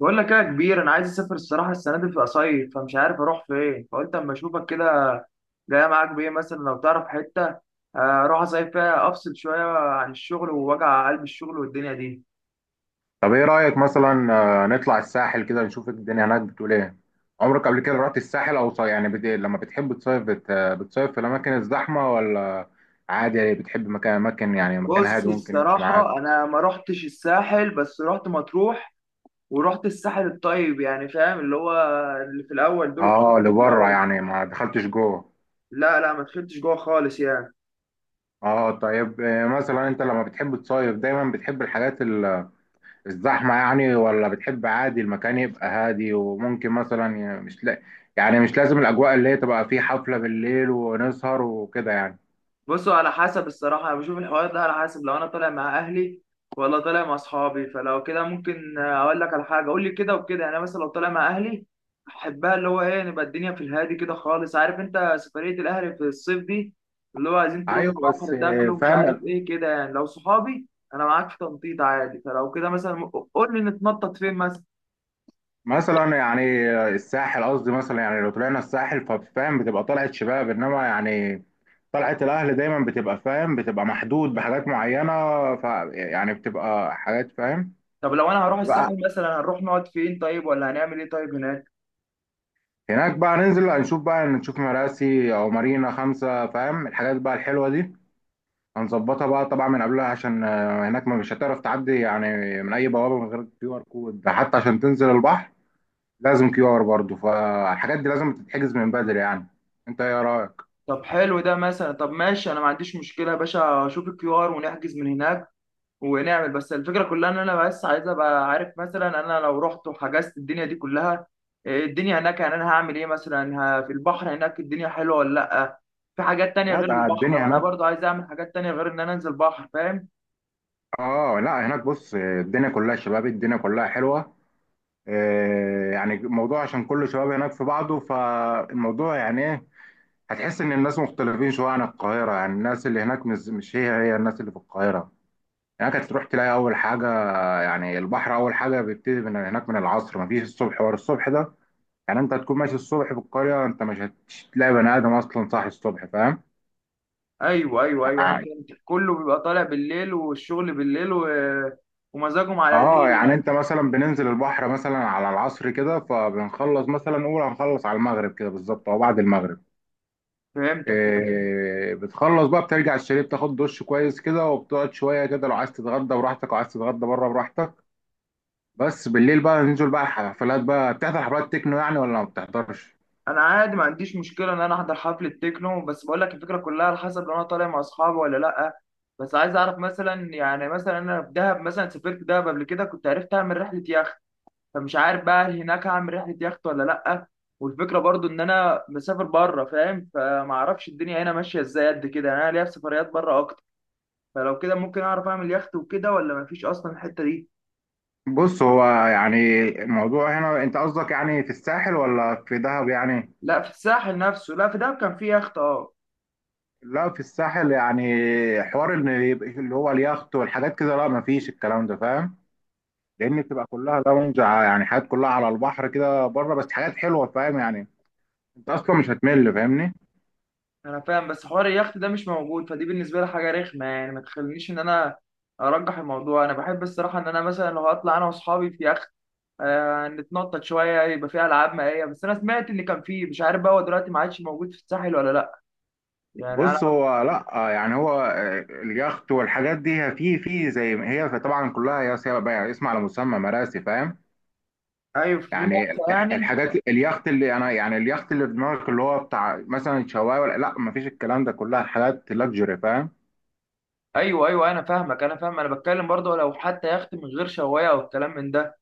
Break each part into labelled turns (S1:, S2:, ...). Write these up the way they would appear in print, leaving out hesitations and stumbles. S1: بقول لك إيه يا كبير؟ انا عايز اسافر الصراحه السنه دي في اصيف فمش عارف اروح فين، فقلت اما اشوفك كده. جاي معاك بايه مثلا لو تعرف حته. اروح اصيف فيها افصل شويه عن الشغل ووجع قلب الشغل والدنيا دي.
S2: طب ايه رأيك مثلا نطلع الساحل كده، نشوف الدنيا هناك بتقول ايه؟ عمرك قبل كده رحت الساحل او يعني لما بتحب تصيف بتصيف في الاماكن الزحمة ولا عادي؟ يعني بتحب مكان، اماكن يعني مكان
S1: بص
S2: هادي ممكن يمشي
S1: الصراحه
S2: معاك؟
S1: انا ما رحتش الساحل بس رحت مطروح، ورحت الساحل الطيب يعني، فاهم اللي هو اللي في الاول دور الكوره
S2: اه،
S1: اللي في
S2: لبره
S1: الاول.
S2: يعني ما دخلتش جوه.
S1: لا لا، ما دخلتش جوه خالص يعني.
S2: اه طيب. مثلا انت لما بتحب تصيف دايما بتحب الحاجات الزحمة يعني، ولا بتحب عادي المكان يبقى هادي وممكن مثلا مش لا... يعني مش لازم الاجواء اللي هي تبقى فيه حفلة بالليل ونسهر وكده يعني.
S1: بصوا، على حسب الصراحة أنا بشوف الحوار ده على حسب لو أنا طالع مع أهلي ولا طالع مع أصحابي. فلو كده ممكن أقول لك على حاجة، قول لي كده وكده. يعني أنا مثلا لو طالع مع أهلي أحبها اللي هو إيه، نبقى الدنيا في الهادي كده خالص، عارف أنت سفرية الأهل في الصيف دي اللي هو عايزين تروحوا
S2: ايوه،
S1: البحر،
S2: بس.
S1: تاكلوا، مش عارف
S2: فاهم.
S1: إيه كده. يعني لو صحابي، أنا معاك في تنطيط عادي. فلو كده مثلا قول لي نتنطط فين مثلا.
S2: مثلا يعني الساحل، قصدي مثلا يعني لو طلعنا الساحل ففاهم بتبقى طلعت شباب، انما يعني طلعت الاهل دايما بتبقى فاهم، بتبقى محدود بحاجات معينه. ف يعني بتبقى حاجات فاهم.
S1: طب لو أنا هروح الساحل
S2: بتبقى
S1: مثلا، هنروح نقعد فين طيب؟ ولا هنعمل إيه طيب هناك؟
S2: هناك بقى ننزل، هنشوف بقى، نشوف مراسي او مارينا خمسه، فاهم؟ الحاجات بقى الحلوه دي هنظبطها بقى طبعا من قبلها، عشان هناك ما مش هتعرف تعدي يعني من اي بوابه من غير كيو ار كود حتى عشان تنزل البحر. لازم كيو ار برضه، فالحاجات دي لازم تتحجز من بدري يعني. انت ايه رايك؟
S1: طب حلو ده مثلا، طب ماشي، انا ما عنديش مشكله يا باشا، اشوف الكيو ار ونحجز من هناك ونعمل. بس الفكره كلها ان انا بس عايز ابقى عارف مثلا، انا لو رحت وحجزت الدنيا دي كلها، إيه الدنيا هناك يعني؟ انا هعمل ايه مثلا؟ في البحر هناك الدنيا حلوه ولا لا؟ في حاجات تانية
S2: لا،
S1: غير
S2: ده
S1: البحر؟
S2: الدنيا
S1: وانا
S2: هناك.
S1: برضو عايز اعمل حاجات تانية غير ان انا انزل بحر، فاهم.
S2: اه لا، هناك بص الدنيا كلها شباب، الدنيا كلها حلوه. يعني الموضوع عشان كل شباب هناك في بعضه، فالموضوع يعني ايه؟ هتحس ان الناس مختلفين شويه عن القاهره. يعني الناس اللي هناك مش هي هي الناس اللي في القاهره. هناك هتروح تلاقي اول حاجه، يعني البحر اول حاجه بيبتدي من هناك من العصر، مفيش الصبح ورا الصبح ده. يعني انت هتكون ماشي الصبح في القريه، انت مش هتلاقي بني ادم اصلا صاحي الصبح، فاهم؟
S1: ايوه ايوه ايوه، انا
S2: يعني-
S1: فهمت. كله بيبقى طالع بالليل والشغل بالليل ومزاجهم على
S2: اه،
S1: الليل
S2: يعني
S1: يعني.
S2: انت مثلا بننزل البحر مثلا على العصر كده، فبنخلص مثلا نقول هنخلص على المغرب كده بالظبط او بعد المغرب.
S1: فهمتك.
S2: إيه، بتخلص بقى، بترجع الشاليه، بتاخد دش كويس كده وبتقعد شويه كده. لو عايز تتغدى براحتك، لو عايز تتغدى بره براحتك. بس بالليل بقى ننزل بقى الحفلات بقى. بتحضر حفلات تكنو يعني ولا ما بتحضرش؟
S1: انا عادي ما عنديش مشكله ان انا احضر حفله تكنو، بس بقول لك الفكره كلها على حسب لو انا طالع مع اصحابي ولا لا. بس عايز اعرف مثلا، يعني مثلا انا في دهب مثلا، سافرت دهب قبل كده كنت عرفت اعمل رحله يخت. فمش عارف بقى هل هناك هعمل رحله يخت ولا لا؟ والفكره برضو ان انا مسافر بره فاهم، فما اعرفش الدنيا هنا ماشيه ازاي قد كده. يعني انا ليا في سفريات بره اكتر، فلو كده ممكن اعرف اعمل يخت وكده ولا مفيش اصلا الحته دي؟
S2: بص هو يعني الموضوع هنا، انت قصدك يعني في الساحل ولا في دهب يعني؟
S1: لا، في الساحل نفسه. لا، في دهب كان في يخت، اه.
S2: لا، في الساحل يعني حوار ان يبقى اللي هو اليخت والحاجات كده، لا ما فيش الكلام ده فاهم. لان بتبقى كلها لونج يعني حاجات كلها على البحر كده بره، بس حاجات حلوه فاهم يعني. انت اصلا مش هتمل، فاهمني؟
S1: انا فاهم، بس حوار اليخت ده مش موجود، فدي بالنسبه لي حاجه رخمه يعني. ما تخلينيش ان انا ارجح الموضوع. انا بحب الصراحه ان انا مثلا لو هطلع انا واصحابي في يخت، آه نتنطط شويه، يبقى فيها العاب مائيه. بس انا سمعت ان كان فيه، مش عارف بقى هو دلوقتي ما عادش موجود في الساحل ولا لا. يعني انا.
S2: بص هو لا، يعني هو اليخت والحاجات دي هي في زي ما هي طبعا كلها، يا سيما بقى اسم على مسمى مراسي، فاهم.
S1: ايوه، في
S2: يعني
S1: مرسى يعني.
S2: الحاجات اليخت اللي انا، يعني اليخت اللي في دماغك اللي هو بتاع مثلا شوايه ولا، لا ما فيش الكلام ده، كلها حاجات لاكجري فاهم.
S1: ايوه ايوه، انا فاهمك، انا فاهم. انا بتكلم برضه لو حتى يخت من غير شوايه او الكلام من ده،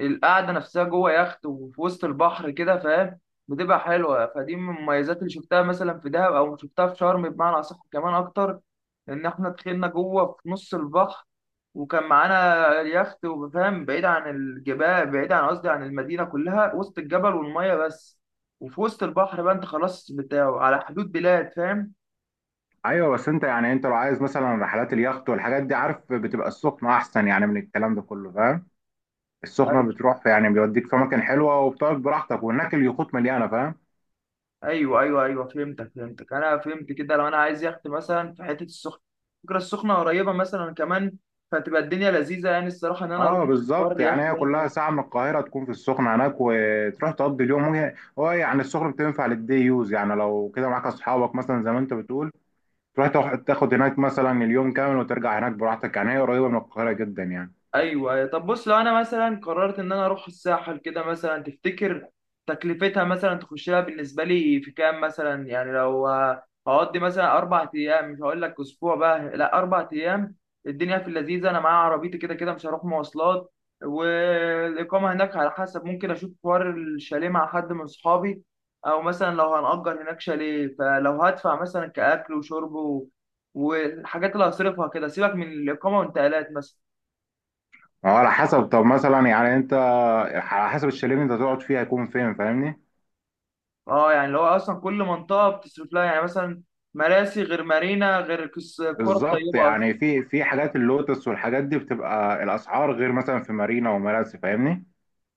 S1: القعده نفسها جوه يخت وفي وسط البحر كده فاهم، بتبقى حلوه. فدي من المميزات اللي شفتها مثلا في دهب او شفتها في شرم بمعنى اصح كمان اكتر، ان احنا دخلنا جوه في نص البحر وكان معانا اليخت، وفاهم بعيد عن الجبال، بعيد عن قصدي عن المدينه كلها، وسط الجبل والميه بس وفي وسط البحر بقى. انت خلاص بتاعه على حدود بلاد فاهم.
S2: ايوه، بس انت يعني انت لو عايز مثلا رحلات اليخت والحاجات دي، عارف بتبقى السخنه احسن يعني من الكلام ده كله فاهم. السخنه بتروح في، يعني بيوديك في اماكن حلوه وبتقعد براحتك، وهناك اليخوت مليانه فاهم.
S1: ايوه ايوه ايوه، فهمتك فهمتك، انا فهمت كده. لو انا عايز يخت مثلا في حته السخنه، فكره السخنه قريبه مثلا كمان، فتبقى الدنيا لذيذه يعني الصراحه ان انا اروح
S2: اه
S1: في حوار
S2: بالظبط،
S1: اليخت
S2: يعني هي
S1: ده.
S2: كلها ساعه من القاهره تكون في السخنه هناك، وتروح تقضي اليوم. وهي هو يعني السخنه بتنفع للدي يوز، يعني لو كده معاك اصحابك مثلا زي ما انت بتقول، تروح تاخد هناك مثلا اليوم كامل وترجع هناك براحتك، يعني هي قريبه من القاهره جدا يعني.
S1: ايوه أيوة. طب بص، لو انا مثلا قررت ان انا اروح الساحل كده مثلا، تفتكر تكلفتها مثلا تخش لها بالنسبه لي في كام مثلا؟ يعني لو هقضي مثلا اربع ايام، مش هقول لك اسبوع بقى، لا اربع ايام، الدنيا في اللذيذه. انا معايا عربيتي كده كده مش هروح مواصلات، والاقامه هناك على حسب، ممكن اشوف حوار الشاليه مع حد من اصحابي او مثلا لو هنأجر هناك شاليه. فلو هدفع مثلا كاكل وشرب والحاجات اللي هصرفها كده، سيبك من الاقامه والانتقالات مثلا.
S2: اه على حسب، طب مثلا يعني انت على حسب الشاليه اللي انت تقعد فيه هيكون فين، فاهمني؟
S1: اه يعني اللي هو اصلا كل منطقه بتصرف لها، يعني مثلا مراسي غير مارينا غير الكره
S2: بالظبط،
S1: الطيبه اصلا.
S2: يعني في حاجات اللوتس والحاجات دي بتبقى الاسعار غير مثلا في مارينا ومراسي، فاهمني.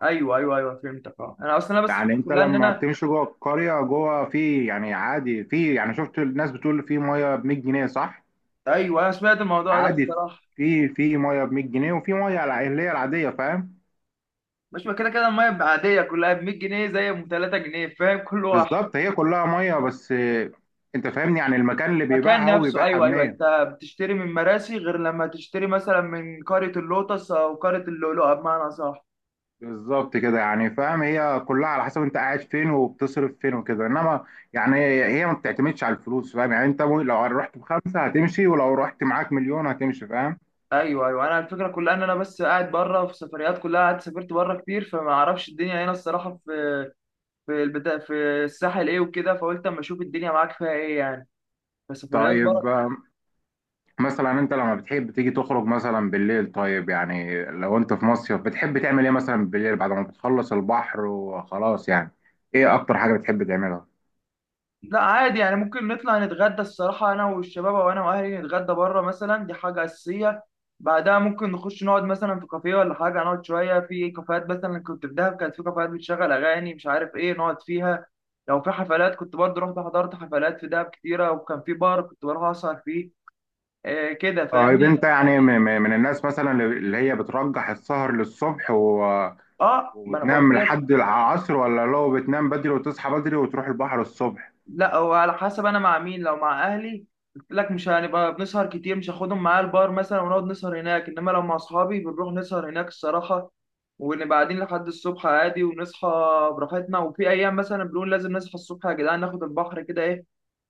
S1: ايوه ايوه ايوه، فهمتك. اه انا اصلا انا بس
S2: يعني
S1: الفكرة
S2: انت
S1: كلها ان
S2: لما
S1: انا.
S2: بتمشي جوه القريه جوه في، يعني عادي في، يعني شفت الناس بتقول في ميه ب 100 جنيه، صح؟
S1: ايوه، انا سمعت الموضوع ده
S2: عادي.
S1: الصراحه.
S2: في ميه ب 100 جنيه، وفي ميه اللي هي العاديه، فاهم.
S1: مش ما كده كده الميه بقى عاديه كلها ب 100 جنيه زي ام 3 جنيه فاهم، كل واحد.
S2: بالظبط هي كلها ميه بس. انت فاهمني، يعني المكان اللي
S1: المكان
S2: بيبيعها هو
S1: نفسه،
S2: بيبيعها ب
S1: ايوه ايوه،
S2: 100.
S1: انت بتشتري من مراسي غير لما تشتري مثلا من قريه اللوتس او قريه اللؤلؤه بمعنى صح.
S2: بالظبط كده، يعني فاهم، هي كلها على حسب انت قاعد فين وبتصرف فين وكده، انما يعني هي ما بتعتمدش على الفلوس، فاهم؟ يعني انت لو رحت بخمسة هتمشي، ولو رحت معاك مليون هتمشي، فاهم.
S1: ايوه ايوه، انا الفكره كلها ان انا بس قاعد بره في سفريات، كلها قاعد سافرت بره كتير، فما اعرفش الدنيا هنا الصراحه في البتاع، في الساحل ايه وكده، فقلت اما اشوف الدنيا معاك فيها ايه يعني كسفريات بره.
S2: طيب، مثلا انت لما بتحب تيجي تخرج مثلا بالليل، طيب يعني لو انت في مصيف بتحب تعمل ايه مثلا بالليل بعد ما بتخلص البحر وخلاص يعني؟ ايه اكتر حاجة بتحب تعملها؟
S1: لا عادي يعني ممكن نطلع نتغدى الصراحه انا والشباب، او انا واهلي نتغدى بره مثلا، دي حاجه اساسيه. بعدها ممكن نخش نقعد مثلا في كافيه ولا حاجه، نقعد شويه في كافيهات. مثلا كنت في دهب كانت في كافيهات بتشغل اغاني مش عارف ايه نقعد فيها. لو في حفلات كنت برضه رحت حضرت حفلات في دهب كتيره، وكان في بار كنت بروح اسهر فيه. آه كده
S2: طيب
S1: فاهمني.
S2: انت يعني من الناس مثلا اللي هي بترجح السهر للصبح
S1: اه، ما انا بقول.
S2: وبتنام لحد العصر، ولا لو بتنام بدري وتصحى بدري وتروح البحر الصبح؟
S1: لا هو على حسب انا مع مين. لو مع اهلي قلت لك مش هنبقى بنسهر كتير، مش هاخدهم معايا البار مثلا ونقعد نسهر هناك. انما لو مع اصحابي بنروح نسهر هناك الصراحه، ونبقى قاعدين لحد الصبح عادي، ونصحى براحتنا. وفي ايام مثلا بنقول لازم نصحى الصبح يا جدعان، ناخد البحر كده ايه،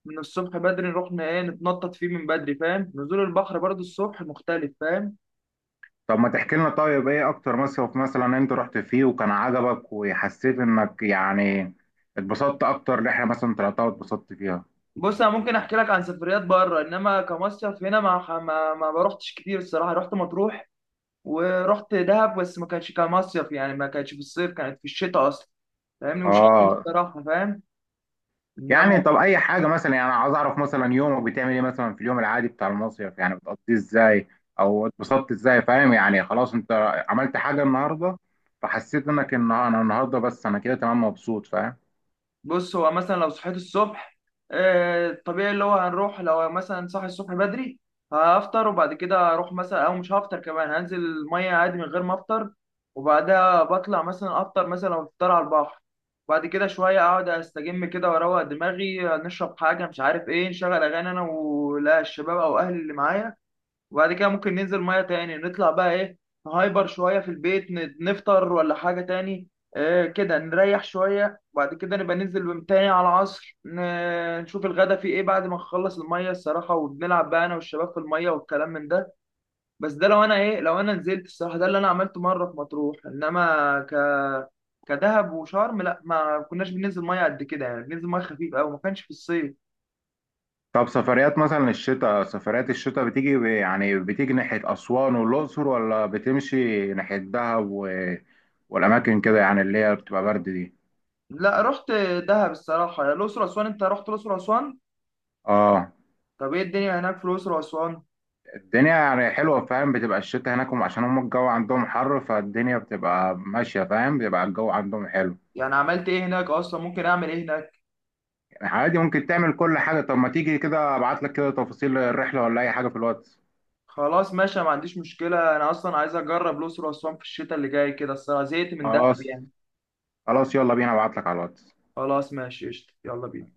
S1: من الصبح بدري نروح ايه نتنطط فيه من بدري، فاهم. نزول البحر برضو الصبح مختلف فاهم.
S2: طب ما تحكي لنا، طيب ايه اكتر مصيف مثلا انت رحت فيه وكان عجبك وحسيت انك يعني اتبسطت، اكتر رحلة مثلا طلعتها واتبسطت فيها؟
S1: بص انا ممكن احكي لك عن سفريات بره، انما كمصيف هنا، ما ما روحتش كتير الصراحه. رحت مطروح ورحت دهب، بس ما كانتش كمصيف يعني، ما كانتش في الصيف، كانت في الشتاء اصلا فاهمني. وشرم
S2: اه.
S1: الصراحه فاهم، انما.
S2: يعني طب اي حاجة مثلا، يعني عايز اعرف مثلا يومك بتعمل ايه مثلا في اليوم العادي بتاع المصيف يعني بتقضيه ازاي، او اتبسطت ازاي، فاهم يعني خلاص انت عملت حاجة النهاردة فحسيت انك ان انا النهاردة بس انا كده تمام مبسوط، فاهم.
S1: بص هو مثلا لو صحيت الصبح، طبيعي اللي هو هنروح، لو مثلا صاحي الصبح بدري هفطر، وبعد كده اروح مثلا، او مش هفطر كمان، هنزل الميه عادي من غير ما افطر. وبعدها بطلع مثلا افطر، مثلا لو افطر على البحر. بعد كده شويه اقعد استجم كده واروق دماغي، نشرب حاجه، مش عارف ايه، نشغل اغاني انا ولا الشباب او اهلي اللي معايا. وبعد كده ممكن ننزل ميه تاني، نطلع بقى ايه، نهايبر شويه في البيت، نفطر ولا حاجه تاني. آه كده نريح شويه. وبعد كده نبقى ننزل تاني على العصر، نشوف الغدا فيه ايه بعد ما نخلص الميه الصراحه، وبنلعب بقى انا والشباب في الميه والكلام من ده. بس ده لو انا ايه، لو انا نزلت الصراحه. ده اللي انا عملته مره في مطروح، انما ك... كدهب وشرم لا، ما كناش بننزل ميه قد كده يعني، بننزل ميه خفيف قوي ما كانش في الصيف.
S2: طب سفريات مثلا الشتاء، سفريات الشتاء بتيجي يعني بتيجي ناحية أسوان والأقصر، ولا بتمشي ناحية دهب و... والأماكن كده يعني اللي هي بتبقى برد دي؟
S1: لا، رحت دهب الصراحه. الاقصر اسوان، انت رحت الاقصر اسوان؟
S2: اه.
S1: طب ايه الدنيا هناك في الاقصر واسوان؟
S2: الدنيا يعني حلوة فاهم. بتبقى الشتاء هناك عشان هم الجو عندهم حر فالدنيا بتبقى ماشية فاهم، بيبقى الجو عندهم حلو.
S1: يعني عملت ايه هناك اصلا؟ ممكن اعمل ايه هناك؟
S2: يعني عادي، ممكن تعمل كل حاجة. طب ما تيجي كده أبعت لك كده تفاصيل الرحلة ولا أي حاجة في الواتس.
S1: خلاص ماشي، ما عنديش مشكله، انا اصلا عايز اجرب الاقصر واسوان في الشتاء اللي جاي كده الصراحه، زهقت من دهب
S2: خلاص.
S1: يعني.
S2: خلاص، يلا بينا، أبعت لك على الواتس.
S1: خلاص ماشي، قشطة، يلا بينا.